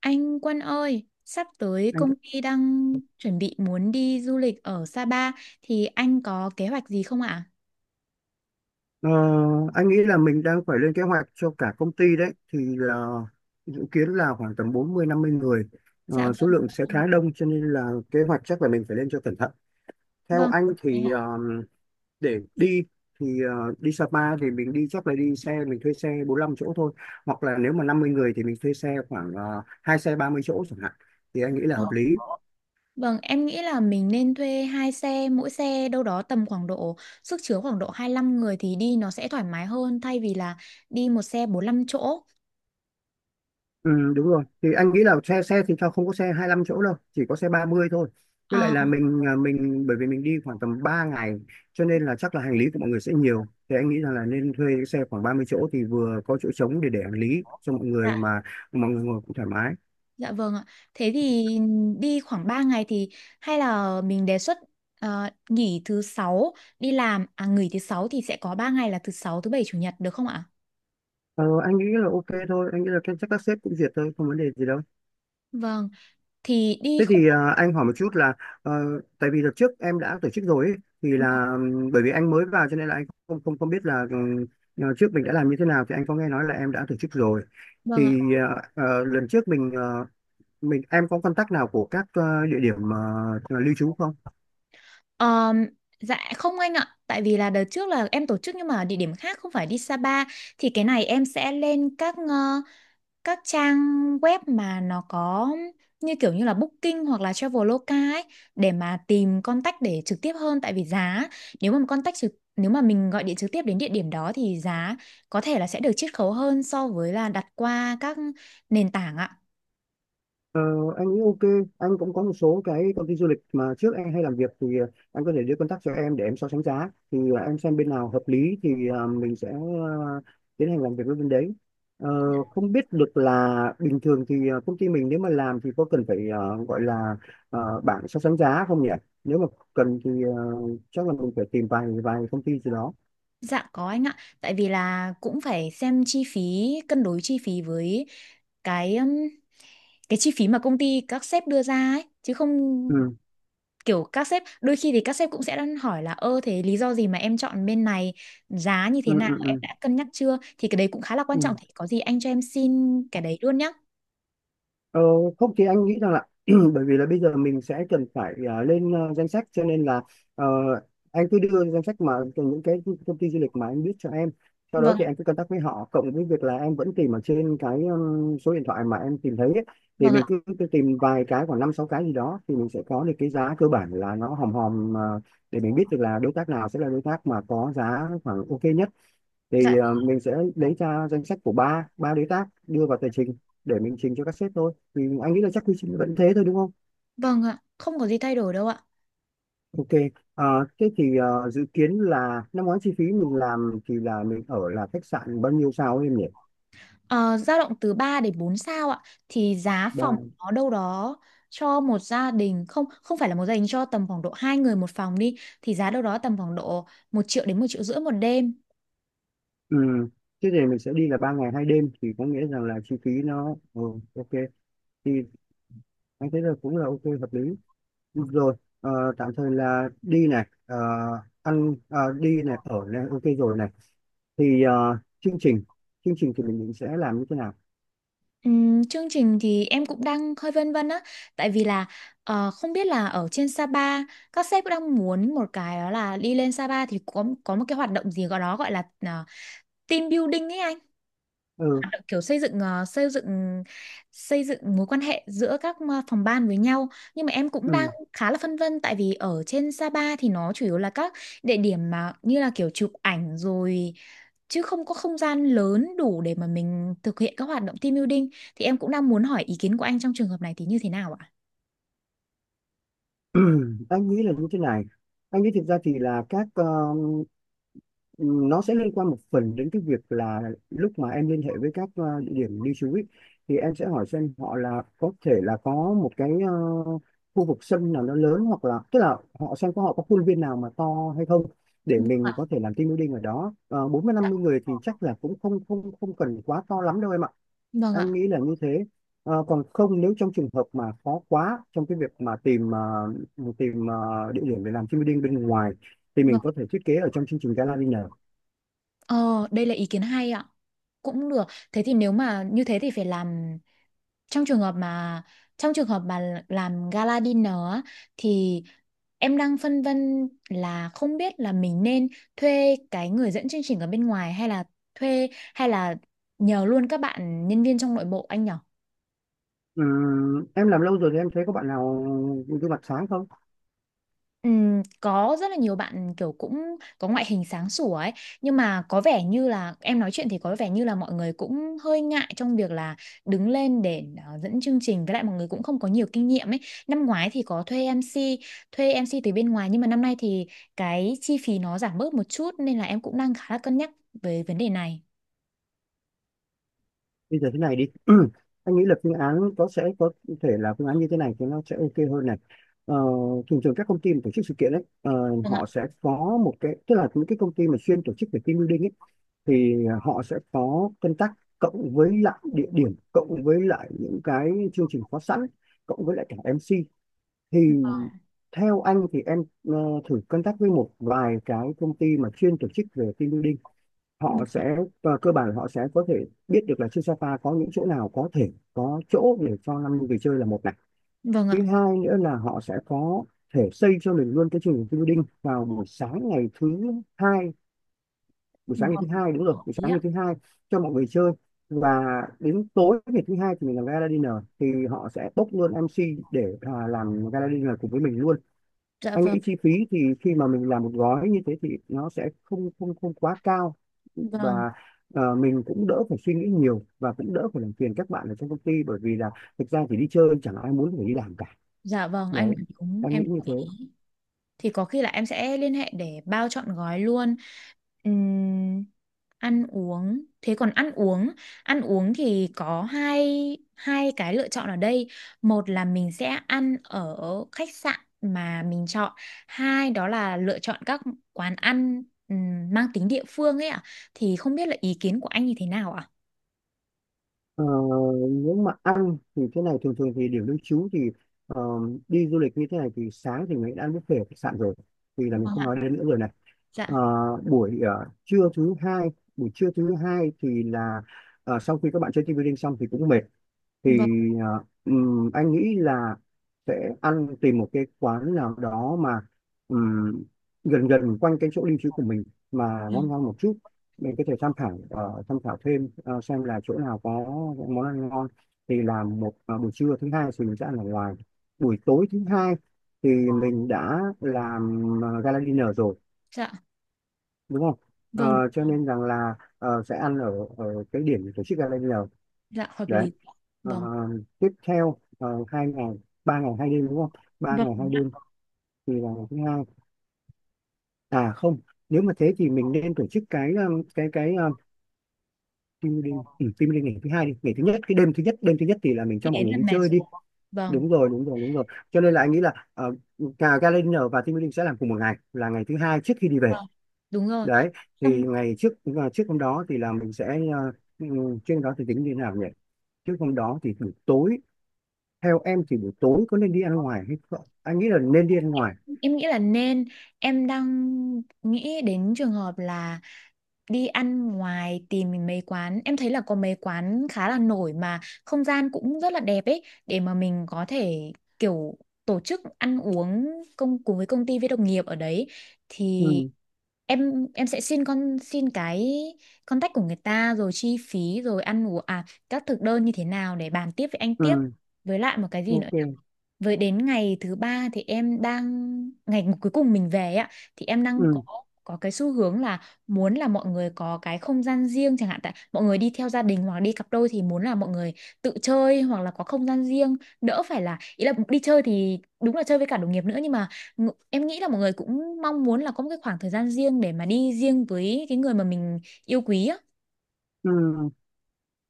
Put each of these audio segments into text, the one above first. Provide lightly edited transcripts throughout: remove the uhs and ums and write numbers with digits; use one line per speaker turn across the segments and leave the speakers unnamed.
Anh Quân ơi, sắp tới
anh
công ty đang chuẩn bị muốn đi du lịch ở Sapa thì anh có kế hoạch gì không ạ?
ờ, anh nghĩ là mình đang phải lên kế hoạch cho cả công ty đấy, thì là dự kiến là khoảng tầm bốn mươi năm mươi người.
Dạ
Số lượng sẽ
vâng.
khá đông, cho nên là kế hoạch chắc là mình phải lên cho cẩn thận. Theo
Vâng.
anh
em-
thì để đi thì đi Sapa thì mình đi chắc là đi xe, mình thuê xe bốn lăm chỗ thôi, hoặc là nếu mà 50 người thì mình thuê xe khoảng 2 xe 30 chỗ chẳng hạn, thì anh nghĩ là hợp lý.
Vâng, em nghĩ là mình nên thuê hai xe, mỗi xe đâu đó tầm khoảng độ sức chứa khoảng độ hai lăm người thì đi nó sẽ thoải mái hơn thay vì là đi một xe bốn lăm chỗ.
Ừ, đúng rồi, thì anh nghĩ là xe xe thì cho không có xe hai lăm chỗ đâu, chỉ có xe 30 thôi. Với lại
Ờ.
là mình, bởi vì mình đi khoảng tầm 3 ngày cho nên là chắc là hành lý của mọi người sẽ nhiều, thì anh nghĩ rằng là nên thuê cái xe khoảng 30 chỗ thì vừa có chỗ trống để hành lý cho mọi người, mà mọi người ngồi cũng thoải mái.
Dạ vâng ạ. Thế thì đi khoảng 3 ngày thì hay là mình đề xuất nghỉ thứ sáu đi làm à nghỉ thứ sáu thì sẽ có 3 ngày là thứ sáu, thứ bảy, chủ nhật được không ạ?
Ờ, anh nghĩ là ok thôi, anh nghĩ là chắc các sếp cũng duyệt thôi, không vấn đề gì đâu.
Vâng, thì đi
Thế
không.
thì anh hỏi một chút là, ờ, tại vì đợt trước em đã tổ chức rồi ấy, thì là bởi vì anh mới vào cho nên là anh không không không biết là trước mình đã làm như thế nào. Thì anh có nghe nói là em đã tổ chức rồi,
Vâng ạ.
thì lần trước mình, em có contact nào của các địa điểm lưu trú không?
Ờm, dạ không anh ạ, tại vì là đợt trước là em tổ chức nhưng mà địa điểm khác không phải đi Sapa, thì cái này em sẽ lên các các trang web mà nó có như kiểu như là Booking hoặc là Traveloka ấy để mà tìm contact để trực tiếp hơn, tại vì giá nếu mà contact trực nếu mà mình gọi điện trực tiếp đến địa điểm đó thì giá có thể là sẽ được chiết khấu hơn so với là đặt qua các nền tảng ạ.
Ờ, anh nghĩ ok, anh cũng có một số cái công ty du lịch mà trước em hay làm việc, thì anh có thể đưa contact cho em để em so sánh giá, thì em xem bên nào hợp lý thì mình sẽ tiến hành làm việc với bên đấy. Ờ, Không biết được là bình thường thì công ty mình nếu mà làm thì có cần phải gọi là bảng so sánh giá không nhỉ? Nếu mà cần thì chắc là mình phải tìm vài vài công ty gì đó.
Dạ có anh ạ, tại vì là cũng phải xem chi phí, cân đối chi phí với cái um, cái chi phí mà công ty các sếp đưa ra ấy, chứ không
Ừ,
kiểu các sếp đôi khi thì các sếp cũng sẽ đang hỏi là ơ thế lý do gì mà em chọn bên này, giá như
ừ,
thế nào
ừ,
em
ừ.
đã cân nhắc chưa, thì cái đấy cũng khá là quan trọng,
Ừ.
thì có gì anh cho em xin cái đấy luôn nhé.
Ờ, Không thì anh nghĩ rằng là bởi vì là bây giờ mình sẽ cần phải lên danh sách, cho nên là ờ, anh cứ đưa danh sách mà từ những cái công ty du lịch mà anh biết cho em, sau đó
Vâng,
thì em cứ contact với họ, cộng với việc là em vẫn tìm ở trên cái số điện thoại mà em tìm thấy ấy, thì
vâng ạ.
mình cứ tìm vài cái khoảng năm sáu cái gì đó, thì mình sẽ có được cái giá cơ bản là nó hòm hòm, để mình biết được là đối tác nào sẽ là đối tác mà có giá khoảng ok nhất,
Dạ
thì mình sẽ lấy ra danh sách của ba ba đối tác đưa vào tờ trình, để mình trình cho các sếp thôi. Thì anh nghĩ là chắc quy trình vẫn thế thôi, đúng không?
vâng ạ, không có gì thay đổi đâu ạ.
Ok. ờ, Thế thì dự kiến là năm ngoái chi phí mình làm thì là mình ở là khách sạn bao nhiêu sao ấy em nhỉ?
Ờ, Dao động từ 3 đến 4 sao ạ, thì giá phòng
Ba.
nó đâu đó cho một gia đình không, không phải là một gia đình, cho tầm khoảng độ hai người một phòng đi, thì giá đâu đó tầm khoảng độ một triệu đến một triệu rưỡi một đêm.
Ừ. Thế thì mình sẽ đi là ba ngày hai đêm, thì có nghĩa rằng là chi phí nó ừ, ok, thì anh thấy là cũng là ok, hợp lý. Được rồi, ờ, tạm thời là đi này, ăn đi này, ở này, ok rồi này. Thì chương trình thì mình định sẽ làm như thế nào?
Chương trình thì em cũng đang hơi vân vân á, tại vì là không biết là ở trên Sapa các sếp cũng đang muốn một cái đó là đi lên Sapa thì có một cái hoạt động gì gọi đó gọi là team building ấy anh,
ừ,
hoạt động kiểu xây dựng xây dựng xây dựng mối quan hệ giữa các phòng ban với nhau. Nhưng mà em cũng đang
ừ.
khá là phân vân, tại vì ở trên Sapa thì nó chủ yếu là các địa điểm mà như là kiểu chụp ảnh rồi chứ không có không gian lớn đủ để mà mình thực hiện các hoạt động team building, thì em cũng đang muốn hỏi ý kiến của anh trong trường hợp này thì như thế nào ạ?
Anh nghĩ là như thế này, anh nghĩ thực ra thì là các nó sẽ liên quan một phần đến cái việc là lúc mà em liên hệ với các địa điểm lưu trú ấy, thì em sẽ hỏi xem họ là có thể là có một cái khu vực sân nào nó lớn, hoặc là tức là họ xem có họ có khuôn viên nào mà to hay không, để mình có thể làm team building ở đó. Ờ, Bốn mươi 50 người thì chắc là cũng không không không cần quá to lắm đâu em ạ,
Vâng
anh
ạ.
nghĩ là như thế. Còn không, nếu trong trường hợp mà khó quá trong cái việc mà tìm địa điểm để làm team building bên ngoài, thì mình có thể thiết kế ở trong chương trình gala dinner.
Ờ, đây là ý kiến hay ạ. Cũng được. Thế thì nếu mà như thế thì phải làm trong trường hợp mà trong trường hợp mà làm gala dinner á, thì em đang phân vân là không biết là mình nên thuê cái người dẫn chương trình ở bên ngoài hay là thuê hay là nhờ luôn các bạn nhân viên trong nội bộ anh nhỉ?
Ừ, em làm lâu rồi thì em thấy có bạn nào gương mặt sáng không?
Có rất là nhiều bạn kiểu cũng có ngoại hình sáng sủa ấy, nhưng mà có vẻ như là em nói chuyện thì có vẻ như là mọi người cũng hơi ngại trong việc là đứng lên để dẫn chương trình, với lại mọi người cũng không có nhiều kinh nghiệm ấy. Năm ngoái thì có thuê em MC, thuê em MC từ bên ngoài, nhưng mà năm nay thì cái chi phí nó giảm bớt một chút nên là em cũng đang khá là cân nhắc về vấn đề này.
Bây giờ thế này đi. Anh nghĩ là phương án có thể là phương án như thế này thì nó sẽ ok hơn này. Ờ, Thường thường các công ty mà tổ chức sự kiện ấy,
Vâng ạ.
họ sẽ có một cái, tức là những cái công ty mà chuyên tổ chức về team building ấy, thì họ sẽ có contact tác, cộng với lại địa điểm, cộng với lại những cái chương trình có sẵn, cộng với lại cả MC. Thì theo anh thì em thử contact với một vài cái công ty mà chuyên tổ chức về team building, họ
Vâng,
sẽ, và cơ bản họ sẽ có thể biết được là trên Sapa có những chỗ nào có thể có chỗ để cho năm người chơi là một này.
vâng
Thứ
ạ.
hai nữa là họ sẽ có thể xây cho mình luôn cái chương trình team building vào buổi sáng ngày thứ hai, đúng rồi, buổi sáng ngày thứ hai cho mọi người chơi, và đến tối ngày thứ hai thì mình làm gala dinner, thì họ sẽ bốc luôn MC để làm gala dinner cùng với mình luôn.
Dạ
Anh
vâng.
nghĩ chi phí thì khi mà mình làm một gói như thế thì nó sẽ không không không quá cao, và
Vâng.
mình cũng đỡ phải suy nghĩ nhiều, và cũng đỡ phải làm phiền các bạn ở trong công ty, bởi vì là thực ra chỉ đi chơi chẳng ai muốn phải đi làm cả.
Dạ vâng anh
Đấy,
nói đúng
em
em,
nghĩ như thế.
thì có khi là em sẽ liên hệ để bao trọn gói luôn. Ừm, ăn uống, thế còn ăn uống, ăn uống thì có hai hai cái lựa chọn ở đây. Một là mình sẽ ăn ở khách sạn mà mình chọn, hai đó là lựa chọn các quán ăn mang tính địa phương ấy ạ, thì không biết là ý kiến của anh như thế nào ạ?
Ờ, Nếu mà ăn thì thế này, thường thường thì điểm lưu trú thì ờ, đi du lịch như thế này thì sáng thì mình đã ăn buffet ở khách sạn rồi, thì là mình
Vâng
không
ạ.
nói đến nữa rồi này.
Dạ.
Ờ, Trưa thứ hai, thì là sau khi các bạn chơi team building xong thì cũng mệt, thì
Vâng.
anh nghĩ là sẽ ăn, tìm một cái quán nào đó mà ừm, gần gần quanh cái chỗ lưu trú của mình mà ngon
Vâng.
ngon một chút. Mình có thể tham khảo, thêm xem là chỗ nào có món ăn ngon, thì làm một, buổi trưa thứ hai thì mình sẽ ăn ở ngoài, buổi tối thứ hai thì mình đã làm gala dinner rồi,
Dạ.
đúng không? Ờ,
Vâng.
cho nên rằng là sẽ ăn ở ở cái điểm tổ chức gala dinner,
Dạ hợp
đấy.
lý.
Ờ,
Vâng.
Tiếp theo, hai ngày ba ngày hai đêm, đúng không? Ba
Vâng,
ngày hai
đúng
đêm,
ạ.
thì là ngày thứ hai, à không, nếu mà thế thì mình nên tổ chức cái team building, team building ngày thứ hai đi, ngày thứ nhất, cái đêm thứ nhất, đêm thứ nhất thì là mình
Ý
cho mọi
đến
người
là
đi
mệt
chơi đi,
rồi. Vâng.
đúng rồi. Cho nên là anh nghĩ là cả gala dinner và team building sẽ làm cùng một ngày là ngày thứ hai trước khi đi về,
Vâng, đúng rồi.
đấy.
Xong
Thì ngày trước, trước hôm đó thì là mình sẽ trước hôm đó thì tính như thế nào nhỉ? Trước hôm đó thì buổi tối, theo em thì buổi tối có nên đi ăn ngoài hay không? Anh nghĩ là nên đi ăn ngoài.
em nghĩ là nên em đang nghĩ đến trường hợp là đi ăn ngoài, tìm mấy quán. Em thấy là có mấy quán khá là nổi mà không gian cũng rất là đẹp ấy, để mà mình có thể kiểu tổ chức ăn uống công cùng với công ty với đồng nghiệp ở đấy. Thì
Ừ,
em sẽ xin con xin cái contact của người ta, rồi chi phí, rồi ăn uống à các thực đơn như thế nào để bàn tiếp với anh tiếp.
ừ,
Với lại một cái gì nữa.
ok.
Với đến ngày thứ ba thì em đang ngày cuối cùng mình về ấy ạ, thì em đang
Ừ,
có cái xu hướng là muốn là mọi người có cái không gian riêng chẳng hạn, tại mọi người đi theo gia đình hoặc đi cặp đôi thì muốn là mọi người tự chơi hoặc là có không gian riêng, đỡ phải là ý là đi chơi thì đúng là chơi với cả đồng nghiệp nữa, nhưng mà em nghĩ là mọi người cũng mong muốn là có một cái khoảng thời gian riêng để mà đi riêng với cái người mà mình yêu quý á.
ừ.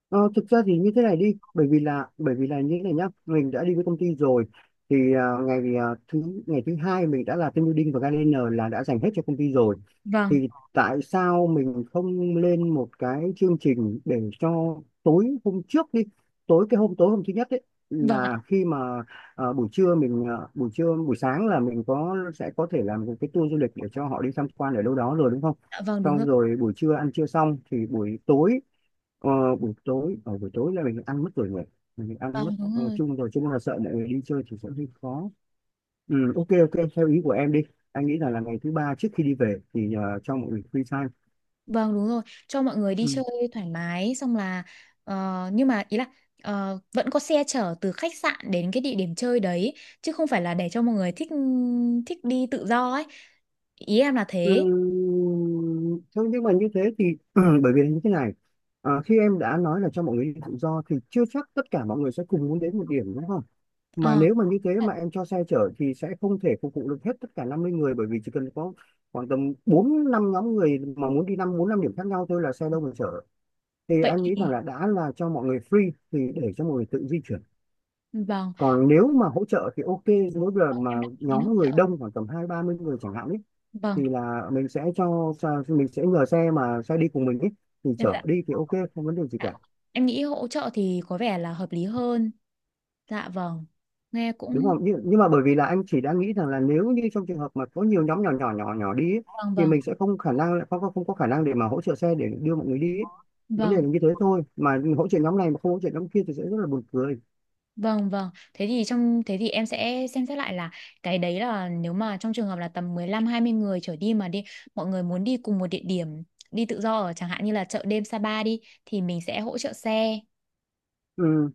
Ờ, Thực ra thì như thế này đi, bởi vì là như thế này nhá, mình đã đi với công ty rồi, thì thứ ngày thứ hai mình đã là team building và gardener là đã dành hết cho công ty rồi,
Vâng.
thì tại sao mình không lên một cái chương trình để cho tối hôm trước đi, tối cái hôm, tối hôm thứ nhất ấy,
Vâng ạ.
là khi mà buổi trưa buổi sáng là mình sẽ có thể làm một cái tour du lịch để cho họ đi tham quan ở đâu đó rồi, đúng không?
Dạ vâng đúng
Xong
rồi.
rồi buổi trưa ăn trưa xong thì buổi tối, buổi tối là mình ăn mất rồi người, mình ăn mất
Vâng đúng rồi.
chung rồi, chung là sợ mọi người đi chơi thì sẽ hơi khó. Ừ, ok ok, theo ý của em đi, anh nghĩ là ngày thứ ba trước khi đi về thì cho mọi người free time.
Vâng đúng rồi, cho mọi người đi
Ừ.
chơi thoải mái. Xong là ờ, nhưng mà ý là vẫn có xe chở từ khách sạn đến cái địa điểm chơi đấy, chứ không phải là để cho mọi người thích thích đi tự do ấy. Ý em là
Ừ,
thế.
thế nhưng mà như thế thì bởi vì là như thế này, khi em đã nói là cho mọi người đi tự do thì chưa chắc tất cả mọi người sẽ cùng muốn đến một điểm, đúng? Mà
Ờ,
nếu mà như thế mà em cho xe chở thì sẽ không thể phục vụ được hết tất cả 50 người, bởi vì chỉ cần có khoảng tầm 4 5 nhóm người mà muốn đi năm, 4 5 điểm khác nhau thôi là xe đâu mà chở. Thì
vậy
anh
thì
nghĩ rằng là đã là cho mọi người free thì để cho mọi người tự di chuyển.
vâng,
Còn nếu mà hỗ trợ thì ok, mỗi lần
em
mà
đã nghĩ đến hỗ
nhóm người
trợ.
đông khoảng tầm hai ba mươi người chẳng hạn ấy,
Vâng,
thì là mình sẽ mình sẽ nhờ xe, mà xe đi cùng mình ấy, thì
em
chở họ
dạ.
đi thì ok, không vấn đề gì
Dạ.
cả.
Em nghĩ hỗ trợ thì có vẻ là hợp lý hơn. Dạ vâng. Nghe
Đúng
cũng
không? Nhưng mà bởi vì là anh chỉ đang nghĩ rằng là nếu như trong trường hợp mà có nhiều nhóm nhỏ nhỏ nhỏ nhỏ đi ấy,
vâng,
thì
vâng.
mình sẽ không có khả năng để mà hỗ trợ xe để đưa mọi người đi ấy. Vấn đề
Vâng.
là như thế thôi, mà hỗ trợ nhóm này mà không hỗ trợ nhóm kia thì sẽ rất là buồn cười.
Vâng vâng, thế thì trong thế thì em sẽ xem xét lại là cái đấy là nếu mà trong trường hợp là tầm mười lăm hai mươi người trở đi mà đi mọi người muốn đi cùng một địa điểm đi tự do ở chẳng hạn như là chợ đêm Sapa đi thì mình sẽ hỗ trợ xe.
Ừ.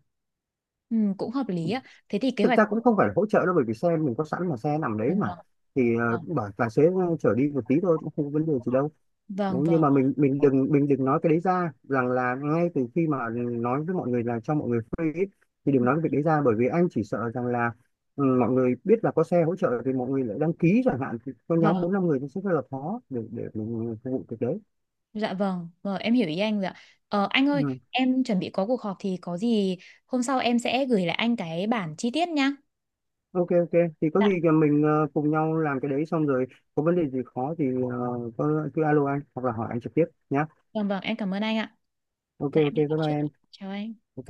Ừ, cũng hợp lý á. Thế thì kế
Thực
hoạch
ra cũng không phải là hỗ trợ đâu, bởi vì xe mình có sẵn mà, xe nằm đấy
vâng
mà,
vâng
thì bảo tài xế chở đi một tí thôi cũng không có vấn đề gì đâu. Đấy,
vâng
nhưng
vâng,
mà mình đừng nói cái đấy ra, rằng là ngay từ khi mà nói với mọi người là cho mọi người free ấy, thì đừng nói cái việc đấy ra, bởi vì anh chỉ sợ rằng là ừ, mọi người biết là có xe hỗ trợ thì mọi người lại đăng ký chẳng hạn, thì có
vâng.
nhóm bốn năm người thì sẽ rất là khó để mình phục vụ việc đấy.
Dạ vâng, vâng em hiểu ý anh rồi ạ. Ờ, anh ơi,
Ừ.
em chuẩn bị có cuộc họp thì có gì hôm sau em sẽ gửi lại anh cái bản chi tiết nhá.
ok Ok, thì có
Dạ.
gì thì mình cùng nhau làm cái đấy xong rồi, có vấn đề gì khó thì ờ, có cứ alo anh hoặc là hỏi anh trực tiếp nhá.
Vâng vâng, em cảm ơn anh ạ.
Ok
Dạ
Ok,
em đi
bye
họp
bye
trước.
em.
Chào anh.
Ok.